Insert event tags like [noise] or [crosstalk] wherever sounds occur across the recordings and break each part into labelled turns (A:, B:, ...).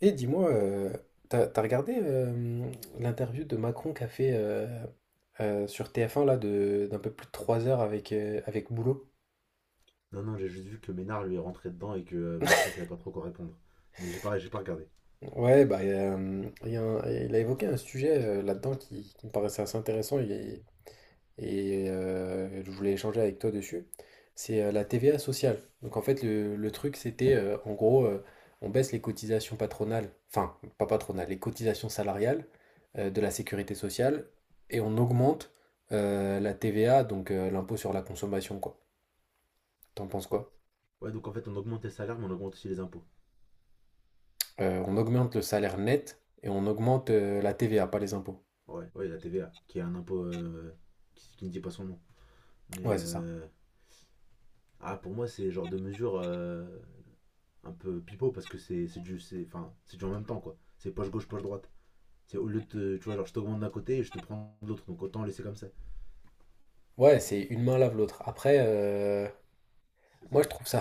A: Et dis-moi, t'as regardé l'interview de Macron qu'a fait sur TF1 là de d'un peu plus de 3 heures avec, avec Boulot?
B: Non, non, j'ai juste vu que Ménard lui est rentré dedans et que Macron savait pas trop quoi répondre. Mais j'ai pas regardé.
A: Ouais, bah, il y a il a évoqué un sujet là-dedans qui me paraissait assez intéressant. Je voulais échanger avec toi dessus, c'est la TVA sociale. Donc en fait, le truc, c'était en gros, on baisse les cotisations patronales, enfin, pas patronales, les cotisations salariales de la sécurité sociale et on augmente la TVA, donc l'impôt sur la consommation, quoi. T'en penses quoi?
B: Ouais, donc en fait, on augmente les salaires, mais on augmente aussi les impôts.
A: On augmente le salaire net et on augmente la TVA, pas les impôts.
B: Ouais, ouais, la TVA, qui est un impôt qui ne dit pas son nom. Mais
A: Ouais, c'est ça.
B: ah, pour moi, c'est genre de mesure un peu pipeau parce que c'est du, enfin, c'est du en même temps, quoi. C'est poche gauche, poche droite. C'est au lieu de, tu vois, genre je t'augmente d'un côté et je te prends de l'autre, donc autant laisser comme ça.
A: Ouais, c'est une main lave l'autre. Après,
B: C'est
A: moi
B: ça.
A: je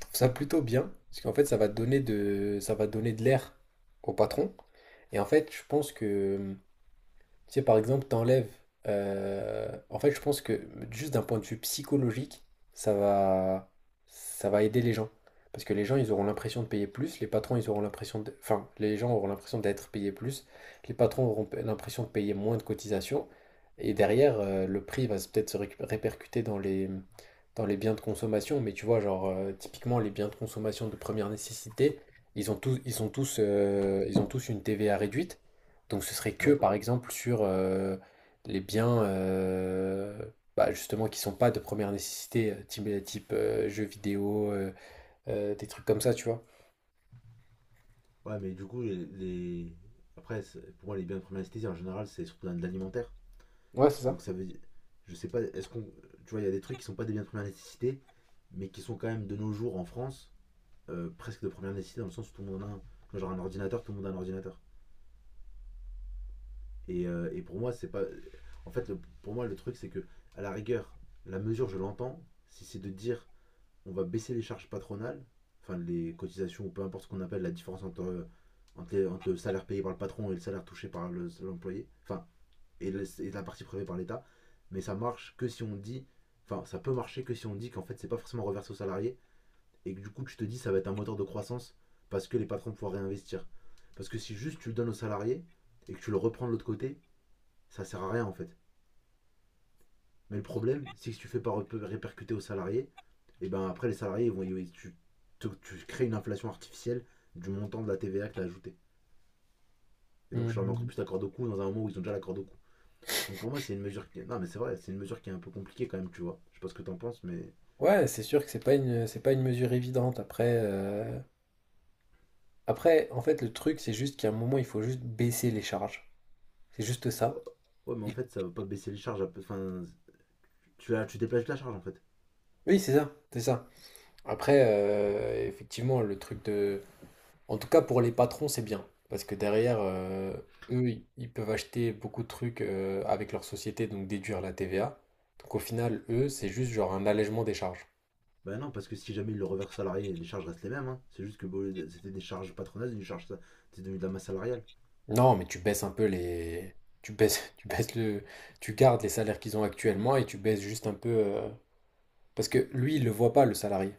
A: trouve ça plutôt bien, parce qu'en fait, ça va donner de l'air au patron. Et en fait, je pense que tu sais, par exemple, t'enlèves. En fait, je pense que juste d'un point de vue psychologique, ça va, ça va aider les gens. Parce que les gens, ils auront l'impression de payer plus, les patrons, ils auront l'impression de... Enfin, les gens auront l'impression d'être payés plus, les patrons auront l'impression de payer moins de cotisations, et derrière, le prix va peut-être répercuter dans dans les biens de consommation, mais tu vois, genre, typiquement, les biens de consommation de première nécessité, ils sont tous, ils ont tous une TVA réduite. Donc ce serait que
B: Ouais,
A: par exemple sur, les biens, bah, justement qui sont pas de première nécessité, type, type, jeux vidéo, des trucs comme ça, tu vois?
B: ouais, mais du coup, après, pour moi, les biens de première nécessité, en général, c'est surtout dans de l'alimentaire.
A: Ouais, c'est ça.
B: Donc ça veut dire, je sais pas, est-ce qu'on, tu vois, il y a des trucs qui sont pas des biens de première nécessité, mais qui sont quand même de nos jours en France presque de première nécessité dans le sens où tout le monde en a un. Genre un ordinateur, tout le monde a un ordinateur. Et pour moi, c'est pas. En fait, pour moi, le truc, c'est que, à la rigueur, la mesure, je l'entends, si c'est de dire on va baisser les charges patronales, enfin les cotisations ou peu importe ce qu'on appelle la différence entre, entre le salaire payé par le patron et le salaire touché par l'employé, enfin et la partie prélevée par l'État. Mais ça marche que si on dit, enfin, ça peut marcher que si on dit qu'en fait, c'est pas forcément reversé aux salariés et que du coup, tu te dis, ça va être un moteur de croissance parce que les patrons pourront réinvestir. Parce que si juste tu le donnes aux salariés et que tu le reprends de l'autre côté, ça sert à rien en fait. Mais le problème, c'est que si tu fais pas répercuter aux salariés, et ben après les salariés ils vont, tu, tu crées une inflation artificielle du montant de la TVA que tu as ajouté. Et donc je suis encore
A: Mmh.
B: plus d'accord de coût dans un moment où ils ont déjà l'accord de coût. Donc pour moi, c'est une mesure qui... Non, mais c'est vrai, c'est une mesure qui est un peu compliquée quand même, tu vois. Je sais pas ce que t'en penses, mais...
A: Ouais, c'est sûr que c'est pas une mesure évidente. Après, après, en fait, le truc, c'est juste qu'à un moment, il faut juste baisser les charges. C'est juste ça.
B: Ouais, mais en
A: Et
B: fait, ça va pas baisser les charges. Enfin, tu déplaces la charge, en fait.
A: oui, c'est ça. Après, effectivement, le truc de... En tout cas, pour les patrons, c'est bien. Parce que derrière, eux, ils peuvent acheter beaucoup de trucs avec leur société, donc déduire la TVA. Donc au final, eux, c'est juste genre un allègement des charges.
B: Bah non, parce que si jamais il le reverse salarié, les charges restent les mêmes. Hein. C'est juste que bon, c'était des charges patronales, une charge... C'est devenu de la masse salariale.
A: Non, mais tu baisses un peu les... Tu baisses, [laughs] tu baisses le... Tu gardes les salaires qu'ils ont actuellement et tu baisses juste un peu... Parce que lui, il le voit pas, le salarié.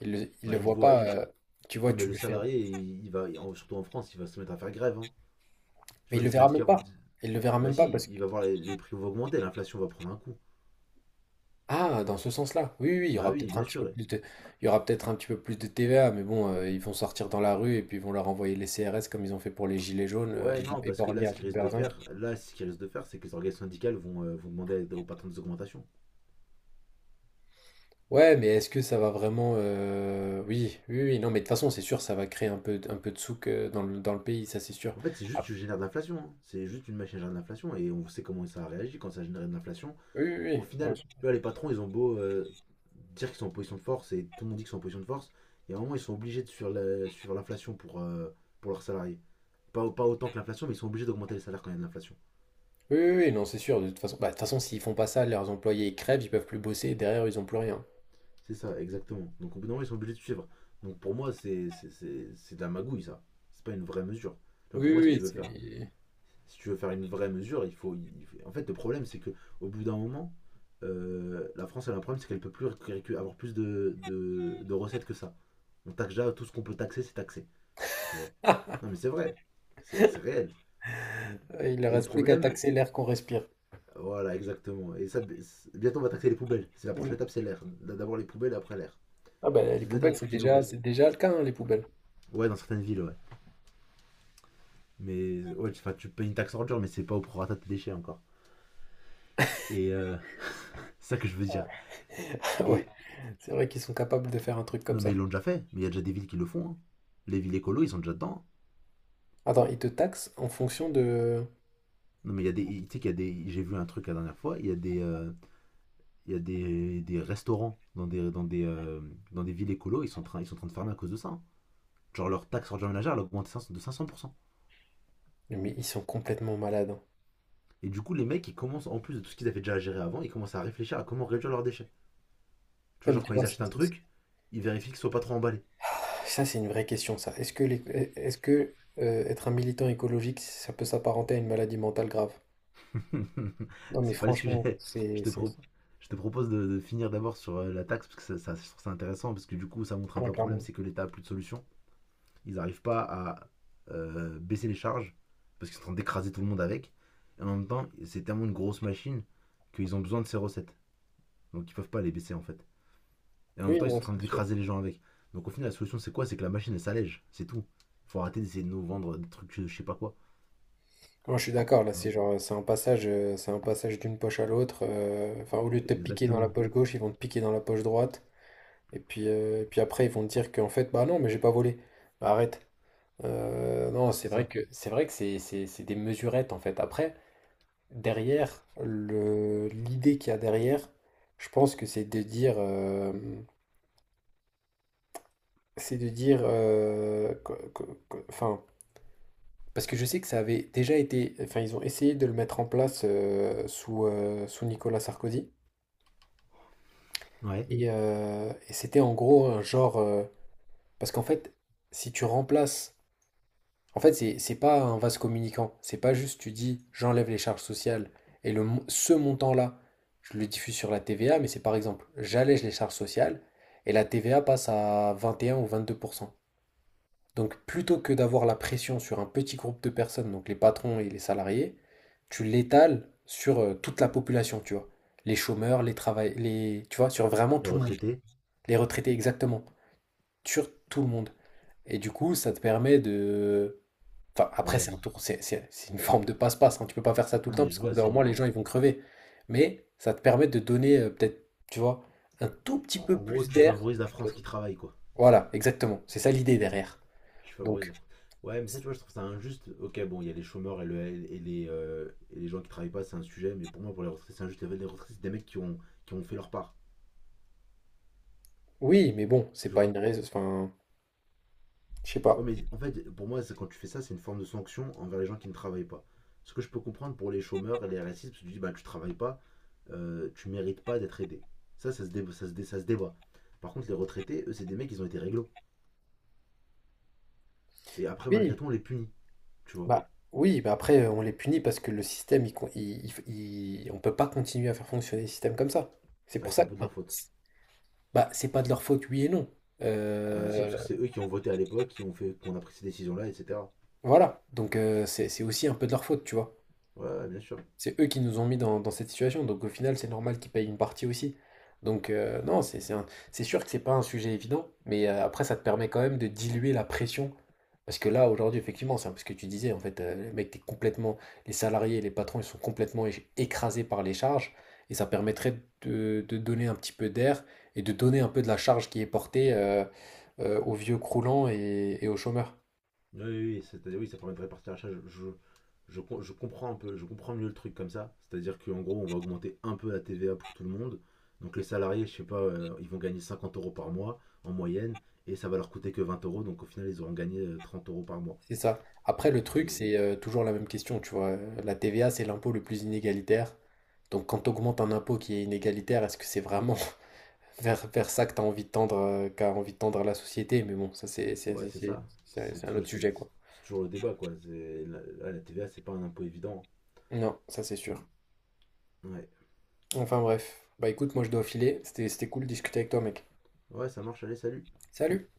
A: Il
B: Bah,
A: le
B: il
A: voit
B: voit...
A: pas.
B: il-
A: Tu vois,
B: Non, mais
A: tu
B: le
A: lui fais...
B: salarié, il va... Surtout en France, il va se mettre à faire grève. Hein. Tu
A: Mais
B: vois,
A: il
B: les
A: le verra
B: syndicats
A: même
B: vont
A: pas.
B: dire...
A: Il le verra
B: Bah
A: même pas
B: si,
A: parce...
B: il va voir les prix vont augmenter, l'inflation va prendre un coup.
A: Ah, dans ce sens-là. Oui, oui, oui, il y
B: Bah
A: aura
B: oui,
A: peut-être un
B: bien
A: petit peu
B: sûr.
A: plus de, il y aura peut-être un petit peu plus de TVA, mais bon, ils vont sortir dans la rue et puis ils vont leur envoyer les CRS comme ils ont fait pour les gilets jaunes,
B: Ouais,
A: ils vont
B: non, parce que
A: éborgner
B: là,
A: à
B: ce qu'ils
A: toute
B: risquent de
A: berzingue.
B: faire, là, ce qu'ils risquent de faire, c'est que les organisations syndicales vont demander aux patrons des augmentations.
A: Ouais, mais est-ce que ça va vraiment, oui, oui, oui, non, mais de toute façon, c'est sûr, ça va créer un peu de souk dans dans le pays, ça c'est sûr.
B: En fait, c'est juste
A: Ah,
B: tu génères de l'inflation. Hein. C'est juste une machine à générer de l'inflation et on sait comment ça a réagi quand ça a généré de l'inflation.
A: oui, oui, oui,
B: Au
A: ouais,
B: final, tu vois, les patrons, ils ont beau dire qu'ils sont en position de force et tout le monde dit qu'ils sont en position de force, il y a un moment, ils sont obligés de suivre l'inflation pour leurs salariés. Pas, pas autant que l'inflation, mais ils sont obligés d'augmenter les salaires quand il y a de l'inflation.
A: oui, oui, oui, non, c'est sûr. De toute façon, bah, de toute façon, s'ils font pas ça, leurs employés ils crèvent, ils peuvent plus bosser, et derrière ils ont plus rien.
B: C'est ça, exactement. Donc au bout d'un moment, ils sont obligés de suivre. Donc pour moi, c'est de la magouille, ça. C'est pas une vraie mesure. Tu vois,
A: Oui,
B: pour
A: oui,
B: moi,
A: oui, c'est...
B: si tu veux faire une vraie mesure, il faut. En fait, le problème, c'est que au bout d'un moment, la France, elle a un problème, c'est qu'elle ne peut plus avoir plus de, de recettes que ça. On taxe déjà tout ce qu'on peut taxer, c'est taxé, tu vois. Non, mais c'est vrai, c'est réel.
A: [laughs] il leur
B: Et le
A: reste plus qu'à
B: problème,
A: taxer l'air qu'on respire.
B: voilà, exactement. Et ça, bientôt, on va taxer les poubelles. C'est la prochaine étape, c'est l'air. D'abord les poubelles, après l'air.
A: Ah ben les
B: C'est peut-être un
A: poubelles,
B: truc qui nous reste.
A: c'est déjà le cas, hein, les poubelles.
B: Ouais, dans certaines villes, ouais. Mais ouais, enfin, tu payes une taxe ordure, mais c'est pas au prorata de tes déchets encore. Et [laughs] c'est ça que je veux dire.
A: Ouais. [laughs] Ouais,
B: Et
A: c'est vrai qu'ils sont capables de faire un truc comme
B: Non, mais ils
A: ça.
B: l'ont déjà fait. Mais il y a déjà des villes qui le font. Hein. Les villes écolo, ils sont déjà dedans.
A: Attends, ils te taxent en fonction de...
B: Non, mais il y a des. J'ai vu un truc la dernière fois. Il y a des restaurants dans des villes écolo. Ils sont en train de fermer à cause de ça. Hein. Genre leur taxe sur le ménagère, elle a augmenté 500 de 500%.
A: Mais ils sont complètement malades. Hein.
B: Et du coup, les mecs, ils commencent, en plus de tout ce qu'ils avaient déjà à gérer avant, ils commencent à réfléchir à comment réduire leurs déchets. Tu
A: Ah,
B: vois,
A: mais
B: genre
A: tu
B: quand
A: vois,
B: ils achètent un truc, ils vérifient qu'il soit pas trop emballé.
A: ça, c'est une vraie question, ça. Est-ce que être un militant écologique, ça peut s'apparenter à une maladie mentale grave?
B: [laughs]
A: Non, mais
B: C'est pas le
A: franchement,
B: sujet. Je
A: c'est...
B: te, pro-
A: c'est...
B: je te propose de, finir d'abord sur la taxe, parce que ça, je trouve ça intéressant, parce que du coup, ça montre un
A: Ouais,
B: vrai problème,
A: clairement.
B: c'est que l'État a plus de solution. Ils n'arrivent pas à baisser les charges, parce qu'ils sont en train d'écraser tout le monde avec. Et en même temps, c'est tellement une grosse machine qu'ils ont besoin de ces recettes. Donc ils peuvent pas les baisser, en fait. Et en même
A: Oui,
B: temps, ils sont
A: non,
B: en train
A: c'est sûr.
B: d'écraser les gens avec. Donc au final, la solution, c'est quoi? C'est que la machine, elle s'allège. C'est tout. Il faut arrêter d'essayer de nous vendre des trucs, je sais pas quoi.
A: Moi, je suis d'accord, là,
B: Tu
A: c'est
B: vois.
A: genre, c'est un passage d'une poche à l'autre. Enfin, au lieu de te piquer dans la
B: Exactement.
A: poche gauche, ils vont te piquer dans la poche droite. Et puis après, ils vont te dire qu'en fait, bah non, mais j'ai pas volé. Bah, arrête. Non,
B: C'est
A: c'est vrai
B: ça.
A: que c'est vrai que c'est c'est- c'est des mesurettes en fait. Après, derrière, l'idée qu'il y a derrière, je pense que c'est de dire, c'est de dire, euh, que- que- enfin, parce que je sais que ça avait déjà été, enfin, ils ont essayé de le mettre en place sous sous Nicolas Sarkozy.
B: Ouais.
A: Et c'était en gros un genre, parce qu'en fait, si tu remplaces... En fait, c'est pas un vase communicant. C'est pas juste tu dis j'enlève les charges sociales et ce montant-là, je le diffuse sur la TVA, mais c'est par exemple j'allège les charges sociales et la TVA passe à 21 ou 22%. Donc plutôt que d'avoir la pression sur un petit groupe de personnes, donc les patrons et les salariés, tu l'étales sur toute la population, tu vois. Les chômeurs, les travail, les, tu vois, sur vraiment
B: Les
A: tout le monde.
B: retraités.
A: Les retraités, exactement. Sur tout le monde. Et du coup, ça te permet de... Enfin, après, c'est
B: Ouais.
A: un tour, c'est une forme de passe-passe. Hein. Tu peux pas faire ça tout le
B: Non,
A: temps,
B: mais
A: parce
B: je
A: qu'au bout
B: vois,
A: d'un
B: c'est
A: moment, les gens, ils vont crever. Mais ça te permet de donner, peut-être, tu vois, un tout petit peu
B: en gros,
A: plus
B: tu
A: d'air.
B: favorises la France qui travaille, quoi.
A: Voilà, exactement. C'est ça l'idée derrière.
B: Tu favorises
A: Donc,
B: la France. Ouais, mais ça, tu vois, je trouve ça injuste. Ok, bon, il y a les chômeurs et et les gens qui travaillent pas, c'est un sujet, mais pour moi, pour les retraités, c'est injuste. Les retraités, c'est des mecs qui ont fait leur part,
A: oui, mais bon, c'est
B: tu
A: pas
B: vois.
A: une raison. Enfin, je sais
B: Ouais,
A: pas.
B: mais en fait, pour moi, c'est quand tu fais ça, c'est une forme de sanction envers les gens qui ne travaillent pas. Ce que je peux comprendre pour les chômeurs et les RSI, parce que tu dis, bah, tu travailles pas, tu mérites pas d'être aidé. Ça se débat. Par contre, les retraités, eux, c'est des mecs, ils ont été réglo. Et après, malgré
A: Oui,
B: tout, on les punit, tu vois.
A: oui, bah après, on les punit parce que le système, il, con- il- on peut pas continuer à faire fonctionner le système comme ça. C'est
B: Ouais,
A: pour
B: c'est
A: ça
B: un
A: que,
B: peu de leur faute.
A: bah, c'est pas de leur faute, oui et non.
B: Bah si, parce que
A: Euh,
B: c'est eux qui ont voté à l'époque, qui ont fait qu'on a pris ces décisions-là, etc.
A: voilà. Donc, c'est aussi un peu de leur faute, tu vois.
B: Ouais, bien sûr.
A: C'est eux qui nous ont mis dans, dans cette situation, donc au final, c'est normal qu'ils payent une partie aussi. Donc non, c'est sûr que c'est pas un sujet évident, mais après, ça te permet quand même de diluer la pression. Parce que là, aujourd'hui, effectivement, c'est un peu ce que tu disais, en fait, les mecs, t'es complètement, les salariés et les patrons, ils sont complètement écrasés par les charges, et ça permettrait de donner un petit peu d'air et de donner un peu de la charge qui est portée aux vieux croulants et aux chômeurs.
B: Oui, oui, oui, c'est-à-dire oui, ça permet de répartir l'achat. Je comprends un peu, je comprends mieux le truc comme ça. C'est-à-dire qu'en gros, on va augmenter un peu la TVA pour tout le monde. Donc les salariés, je sais pas, ils vont gagner 50 € par mois en moyenne, et ça va leur coûter que 20 euros. Donc au final, ils auront gagné 30 € par mois.
A: C'est ça. Après, le truc,
B: C'est-
A: c'est toujours la même question, tu vois. La TVA, c'est l'impôt le plus inégalitaire. Donc, quand tu augmentes un impôt qui est inégalitaire, est-ce que c'est vraiment [laughs] vers ça que tu as envie de tendre, qu'a envie de tendre la société? Mais bon, ça,
B: Ouais, c'est ça.
A: c'est un autre sujet, quoi.
B: C'est toujours le débat, quoi. La TVA, c'est pas un impôt évident.
A: Non, ça, c'est sûr.
B: Ouais,
A: Enfin, bref. Bah, écoute, moi, je dois filer. C'était cool de discuter avec toi, mec.
B: ouais, ça marche. Allez, salut.
A: Salut!